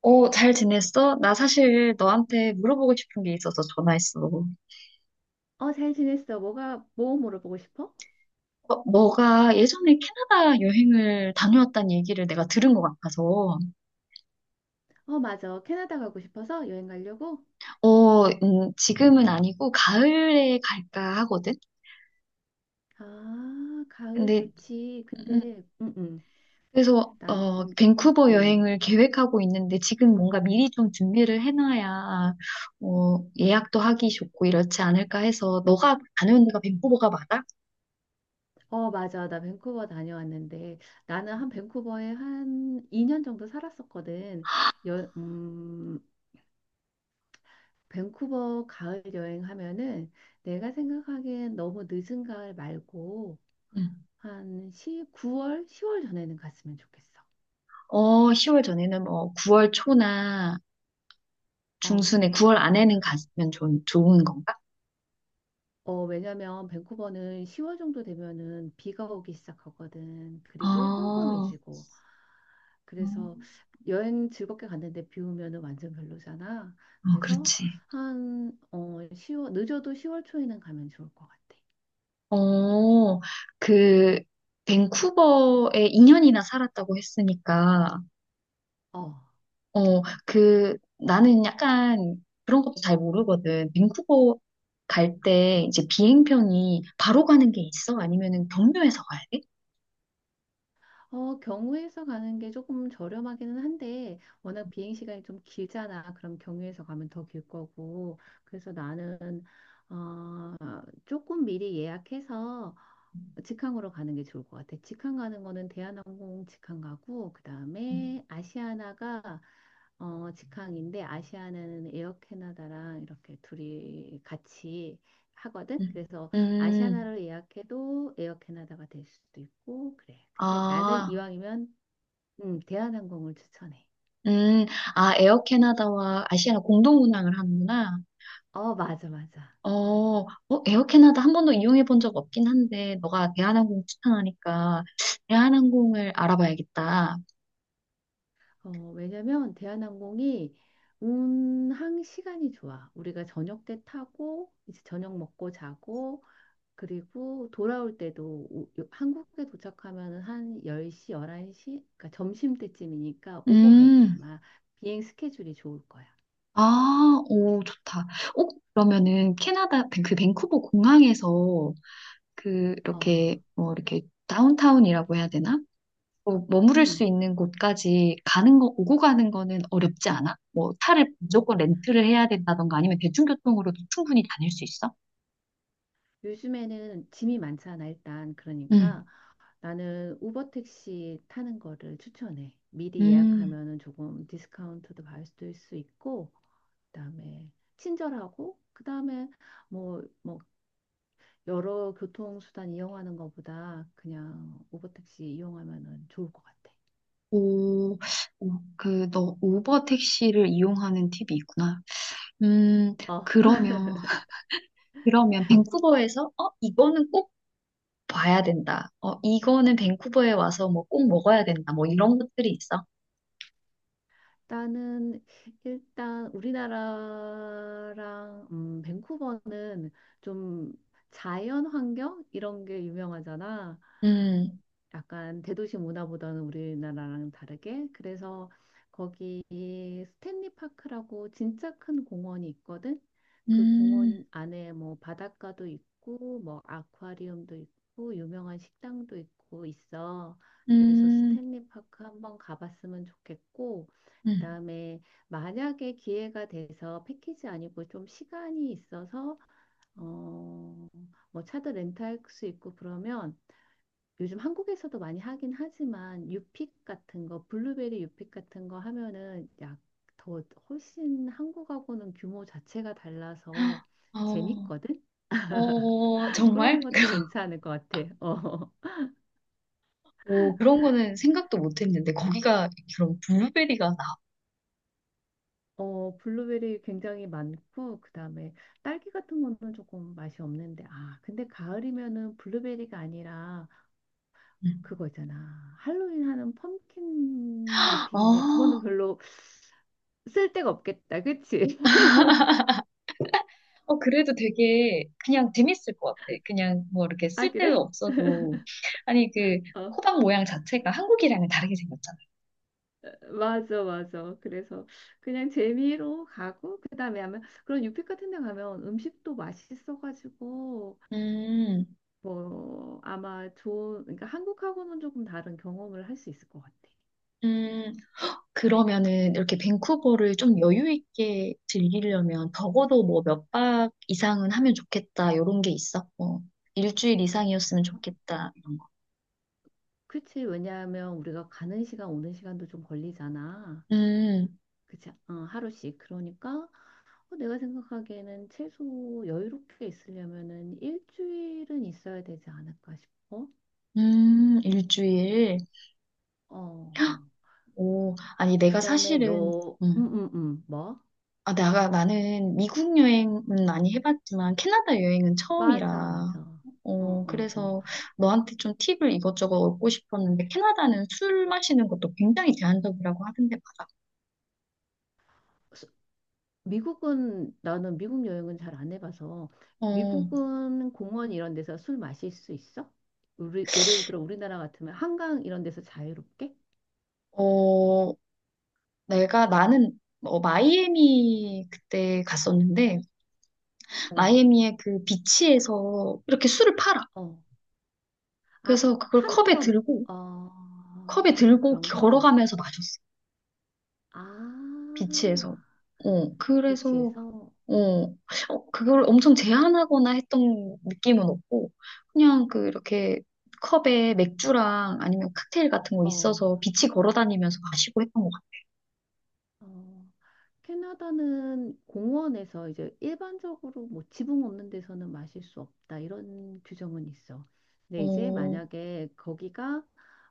어, 잘 지냈어? 나 사실 너한테 물어보고 싶은 게 있어서 전화했어. 어, 잘 지냈어. 뭐 물어보고 싶어? 너가 예전에 캐나다 여행을 다녀왔다는 얘기를 내가 들은 것 같아서, 어, 맞아. 캐나다 가고 싶어서 여행 가려고? 지금은 아니고 가을에 갈까 하거든? 아, 가을 근데, 좋지. 음, 근데, 응, 응. 나는, 밴쿠버 응. 여행을 계획하고 있는데 지금 뭔가 미리 좀 준비를 해놔야, 예약도 하기 좋고 이렇지 않을까 해서, 너가 다녀온 데가 밴쿠버가 맞아? 어, 맞아. 나 밴쿠버 다녀왔는데, 나는 한 밴쿠버에 한 2년 정도 살았었거든. 여, 음, 밴쿠버 가을 여행하면은 내가 생각하기엔 너무 늦은 가을 말고, 응. 한 시구 9월, 10월 전에는 갔으면 좋겠어. 10월 전에는 뭐 9월 초나 중순에 어. 9월 안에는 가면 좋은 건가? 어, 왜냐면 밴쿠버는 10월 정도 되면은 비가 오기 시작하거든. 그리고 아, 깜깜해지고. 그래서 음. 여행 즐겁게 갔는데 비 오면은 완전 별로잖아. 그래서 그렇지. 한 10월 늦어도 10월 초에는 가면 좋을 것 같아. 어, 그, 밴쿠버에 2년이나 살았다고 했으니까, 어. 나는 약간 그런 것도 잘 모르거든. 밴쿠버 갈 때 이제 비행편이 바로 가는 게 있어? 아니면은 경유해서 가야 돼? 어, 경유해서 가는 게 조금 저렴하기는 한데 워낙 비행 시간이 좀 길잖아. 그럼 경유해서 가면 더 길 거고. 그래서 나는 어, 조금 미리 예약해서 직항으로 가는 게 좋을 것 같아. 직항 가는 거는 대한항공 직항 가고 음, 그다음에 아시아나가 직항인데, 아시아나는 에어 캐나다랑 이렇게 둘이 같이 하거든. 음. 그래서 음, 아시아나를 예약해도 에어 캐나다가 될 수도 있고 그래. 근데 나는 아, 이왕이면 대한항공을 추천해. 음, 에어 캐나다와 아시아나 공동 운항을 하는구나. 어, 맞아, 맞아. 어, 어, 에어 캐나다 한 번도 이용해 본 적 없긴 한데, 너가 대한항공 추천하니까 대한항공을 알아봐야겠다. 어, 왜냐면 대한항공이 운항 시간이 좋아. 우리가 저녁 때 타고 이제 저녁 먹고 자고, 그리고 돌아올 때도 한국에 도착하면 한 10시, 11시? 그러니까 점심 때쯤이니까 오고 갈 때 음, 아마 비행 스케줄이 좋을 거야. 오, 좋다. 어, 그러면은 캐나다 그 밴쿠버 공항에서 그 어, 이렇게 뭐 이렇게 다운타운이라고 해야 되나? 뭐 머무를 수 음. 있는 곳까지 가는 거, 오고 가는 거는 어렵지 않아? 뭐 차를 무조건 렌트를 해야 된다던가 아니면 대중교통으로도 충분히 다닐 수 있어? 요즘에는 짐이 많잖아, 일단. 음, 그러니까 나는 우버 택시 타는 거를 추천해. 미리 음. 예약하면은 조금 디스카운트도 받을 수 있고, 그다음에 친절하고, 그다음에 뭐 여러 교통수단 이용하는 것보다 그냥 우버택시 이용하면은 좋을 것 같아. 오, 오, 너 우버 택시를 이용하는 팁이 있구나. 음, 어. 그러면, 그러면 밴쿠버에서, 이거는 꼭 봐야 된다. 이거는 밴쿠버에 와서 뭐 꼭 먹어야 된다. 뭐 이런 것들이 있어. 일단은 일단 우리나라랑 밴쿠버는 좀 자연 환경 이런 게 유명하잖아. 음, 약간 대도시 문화보다는 우리나라랑 다르게. 그래서 거기 스탠리 파크라고 진짜 큰 공원이 있거든. 그 음, 공원 안에 뭐 바닷가도 있고 뭐 아쿠아리움도 있고 유명한 식당도 있고 있어. 그래서 음, 스탠리 파크 한번 가봤으면 좋겠고, 음. 그다음에 만약에 기회가 돼서 패키지 아니고 좀 시간이 있어서 어, 뭐 차도 렌트할 수 있고 그러면, 요즘 한국에서도 많이 하긴 하지만 유픽 같은 거, 블루베리 유픽 같은 거 하면은 약 더 훨씬 한국하고는 규모 자체가 달라서 어, 재밌거든? 어, 그런 정말? 것도 괜찮을 것 같아. 어. 오, 그런 거는 생각도 못 했는데, 거기가 그런 블루베리가 나. 어, 블루베리 굉장히 많고, 그다음에 딸기 같은 거는 조금 맛이 없는데, 아, 근데 가을이면은 블루베리가 아니라 음. 그거 있잖아. 할로윈 하는 펌킨 아, 유픽인데 그거는 별로 쓸데가 없겠다. 그치? 그래도 되게 그냥 재밌을 것 같아. 그냥 뭐 이렇게 아, 그래? 쓸데없어도. 아니, 어. 호박 모양 자체가 한국이랑은 다르게 생겼잖아. 맞아, 맞아. 그래서 그냥 재미로 가고, 그 다음에 아마 그런 유페 같은 데 가면 음식도 맛있어가지고, 음, 뭐, 아마 좋은, 그러니까 한국하고는 조금 다른 경험을 할 수 있을 것 같아. 음, 그러면은 이렇게 밴쿠버를 좀 여유 있게 즐기려면 적어도 뭐 몇 박 이상은 하면 좋겠다. 이런 게 있어. 뭐 일주일 이상이었으면 좋겠다. 이런 거. 그치, 왜냐하면 우리가 가는 시간, 오는 시간도 좀 걸리잖아. 음, 그치, 어, 하루씩. 그러니까 내가 생각하기에는 최소 여유롭게 있으려면은 일주일은 있어야 되지 않을까 싶어. 일주일. 어, 어. 오, 아니, 그 다음에 너, 음. 뭐? 아, 나는 미국 여행은 많이 해봤지만 캐나다 여행은 맞아, 처음이라, 맞아. 어, 어, 어. 그래서 너한테 좀 팁을 이것저것 얻고 싶었는데, 캐나다는 술 마시는 것도 굉장히 제한적이라고 하던데, 맞아. 스- 미국은, 나는 미국 여행은 잘 안 해봐서. 어, 미국은 공원 이런 데서 술 마실 수 있어? 우리 예를 들어 우리나라 같으면 한강 이런 데서 자유롭게? 어, 나는, 마이애미 그때 갔었는데, 어, 마이애미의 그 비치에서 이렇게 술을 팔아. 어. 아, 그래서 파는 거, 어, 컵에 아, 들고 그런 거? 걸어가면서 마셨어. 아, 비치에서. 어, 그래서 비치에서? 어, 그걸 엄청 제한하거나 했던 느낌은 없고, 그냥 그 이렇게 컵에 맥주랑 아니면 칵테일 같은 거 어, 있어서 빛이 걸어 다니면서 마시고 했던 것 같아요. 어. 캐나다는 공원에서 이제 일반적으로 뭐 지붕 없는 데서는 마실 수 없다 이런 규정은 있어. 근데 이제 어, 만약에 거기가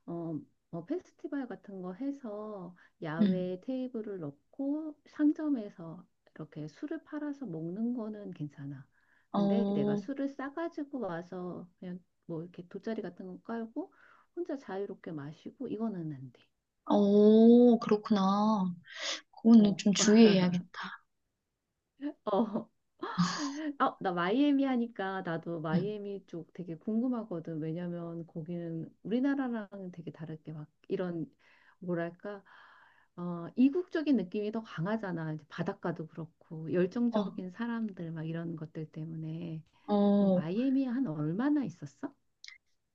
어, 뭐 페스티벌 같은 거 해서 음, 야외에 테이블을 넣고 상점에서 이렇게 술을 팔아서 먹는 거는 괜찮아. 근데 내가 어, 술을 싸가지고 와서 그냥 뭐 이렇게 돗자리 같은 거 깔고 혼자 자유롭게 마시고 이거는 안 돼. 어, 그렇구나. 그거는 어, 좀 어. 주의해야겠다. 어. 아, 나 마이애미 하니까 나도 음, 마이애미 쪽 되게 궁금하거든. 왜냐면 거기는 우리나라랑 되게 다르게 막 이런, 뭐랄까, 이국적인 느낌이 더 강하잖아. 이제 바닷가도 그렇고 어, 열정적인 사람들 막 이런 것들 때문에. 너 어, 마이애미 한 얼마나 있었어?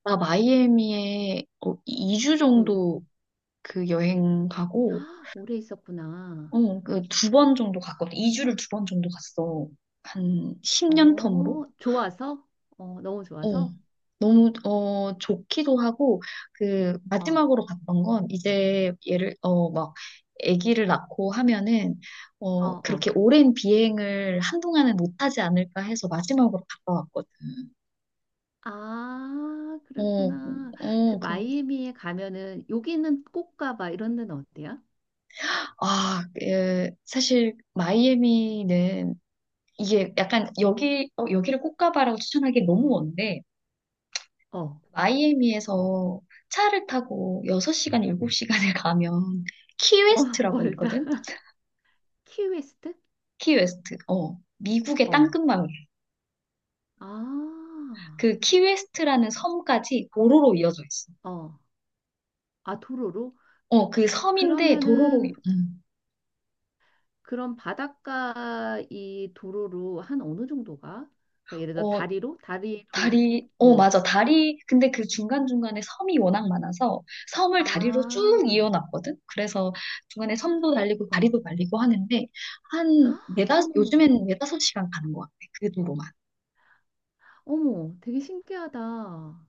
나 마이애미에 2주 응. 정도 그 여행 가고, 오래 있었구나. 그 두 번 정도 갔거든. 2주를 두 번 정도 갔어. 한 10년 텀으로. 어, 좋아서? 어, 너무 어, 좋아서? 너무, 좋기도 하고, 그, 어, 마지막으로 갔던 건, 이제, 아기를 낳고 하면은, 어, 어. 그렇게 오랜 비행을 한동안은 못하지 않을까 해서 마지막으로 갔다 왔거든. 아, 어, 그랬구나. 그 어, 그, 마이애미에 가면은 여기는 꼭 가봐 이런 데는 어때요? 아, 예, 사실, 마이애미는, 이게 약간, 여기를 꼭 가봐라고 추천하기 너무 먼데, 어, 어. 마이애미에서 차를 타고 6시간, 7시간을 가면, 키웨스트라고 있거든? 멀다. 키웨스트? 키웨스트. 어, 미국의 어, 땅끝마을. 아, 그 키웨스트라는 섬까지 도로로 이어져 있어. 어, 아, 도로로? 그 섬인데 도로로, 그러면은 음. 그런 바닷가 이 도로로 한 어느 정도가? 그러니까 예를 들어 어, 다리로? 다리로 이렇게? 다리, 맞아. 다리, 근데 그 중간중간에 섬이 워낙 많아서 섬을 다리로 쭉 아, 이어놨거든? 그래서 중간에 섬도 달리고 어, 다리도 달리고 하는데, 한 어머머, 요즘엔 네다섯 시간 가는 것 같아. 그 도로만. 어머, 되게 신기하다.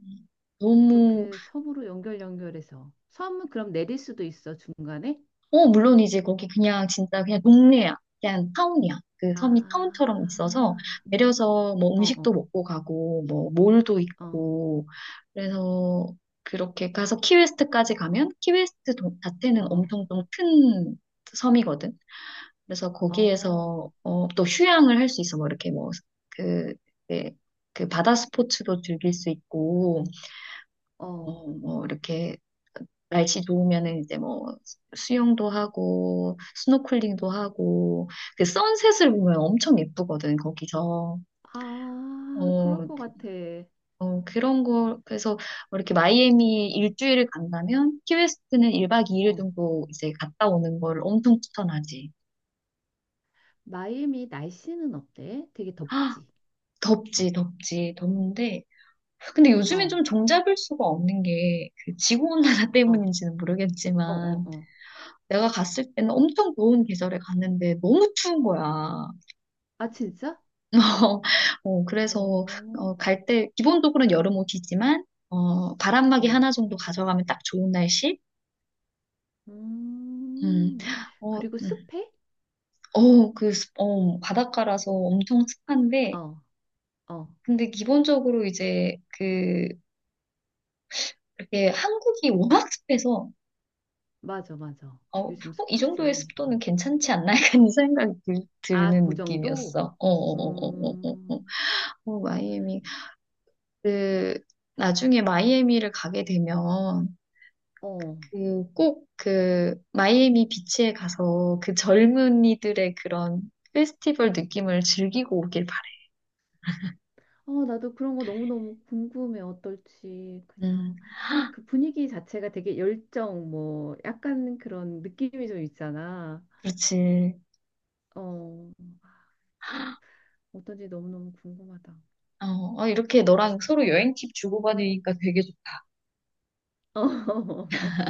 음. 너무 그렇게 섬으로 연결 연결해서 섬은 그럼 내릴 수도 있어 중간에? 어, 물론이지. 거기 그냥 진짜 그냥 동네야. 그냥 타운이야. 그 섬이 타운처럼 있어서 아, 내려서 뭐 어, 음식도 어, 먹고 가고 뭐 몰도 어, 있고 그래서 그렇게 가서 키웨스트까지 가면 자체는 어, 엄청 좀 큰 섬이거든. 그래서 어, 거기에서 또 휴양을 할 수 있어. 뭐 이렇게 그 네, 그 바다 스포츠도 즐길 수 있고 어. 뭐 이렇게 날씨 좋으면은 이제 뭐 수영도 하고 스노클링도 하고 그 선셋을 보면 엄청 예쁘거든 거기서. 아, 그럴 어, 것 같아. 어 그런 거 그래서 뭐 이렇게 마이애미 일주일을 간다면 키웨스트는 1박 2일 어, 정도 이제 갔다 오는 걸 엄청 추천하지. 마이애미 날씨는 어때? 되게 아 덥지? 덥지 덥는데 근데 요즘엔 어, 좀 정잡을 수가 없는 게 그 지구온난화 어, 때문인지는 어, 어, 모르겠지만 어. 내가 갔을 때는 엄청 더운 계절에 갔는데 너무 추운 거야. 아, 진짜? 그래서, 오, 갈 때, 기본적으로는 여름 옷이지만, 바람막이 어, 하나 정도 가져가면 딱 좋은 날씨? 음, 음, 어, 그리고 음. 습해? 바닷가라서 엄청 습한데, 어, 어, 근데 기본적으로 이제, 그, 이렇게 한국이 워낙 습해서, 맞아, 맞아. 어, 어, 요즘 이 정도의 습하지. 습도는 어. 괜찮지 않나? 약간 이 생각이 아, 드는 그 정도? 느낌이었어. 음, 마이애미. 그, 나중에 마이애미를 가게 되면, 어. 그 꼭 그 마이애미 비치에 가서 그 젊은이들의 그런 페스티벌 느낌을 즐기고 오길 바래. 어, 나도 그런 거 너무너무 궁금해. 어떨지. 그냥 음, 그 분위기 자체가 되게 열정, 뭐, 약간 그런 느낌이 좀 있잖아. 그렇지. 어, 진짜 어떤지 너무너무 궁금하다. 어, 어, 이렇게 너랑 서로 여행 팁 주고받으니까 되게 좋다. 어,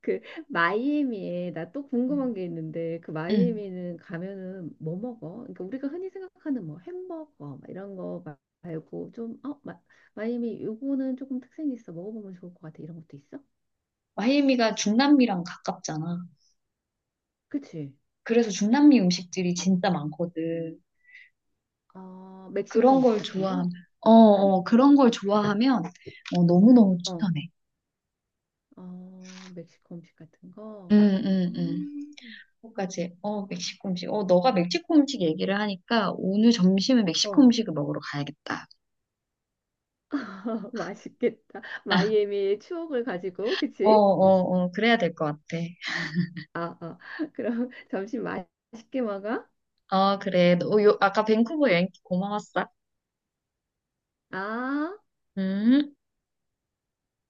그 마이애미에 나 또 궁금한 게 있는데, 그 응. 마이애미는 가면은 뭐 먹어? 그러니까 우리가 흔히 생각하는 뭐 햄버거 막 이런 거 말고 좀, 마이애미 요거는 조금 특색이 있어, 먹어보면 좋을 것 같아, 이런 것도 있어? 마이애미가 중남미랑 가깝잖아. 그치? 그래서 중남미 음식들이 진짜 많거든. 어, 멕시코 그런 음식 걸 같은 좋아하면, 거? 그런 걸 좋아하면 너무너무 어, 추천해. 어, 멕시코 음식 같은 거? 응응응 멕시코 음식. 너가 멕시코 음식 얘기를 하니까 오늘 점심에 멕시코 어. 음식을 먹으러 가야겠다. 맛있겠다. 아, 마이애미의 추억을 가지고, 그치? 그래야 될 것 같아. 아, 아, 그럼 점심 맛있게 먹어? 어, 그래. 너, 요, 아까 밴쿠버 여행 고마웠어. 아. 음.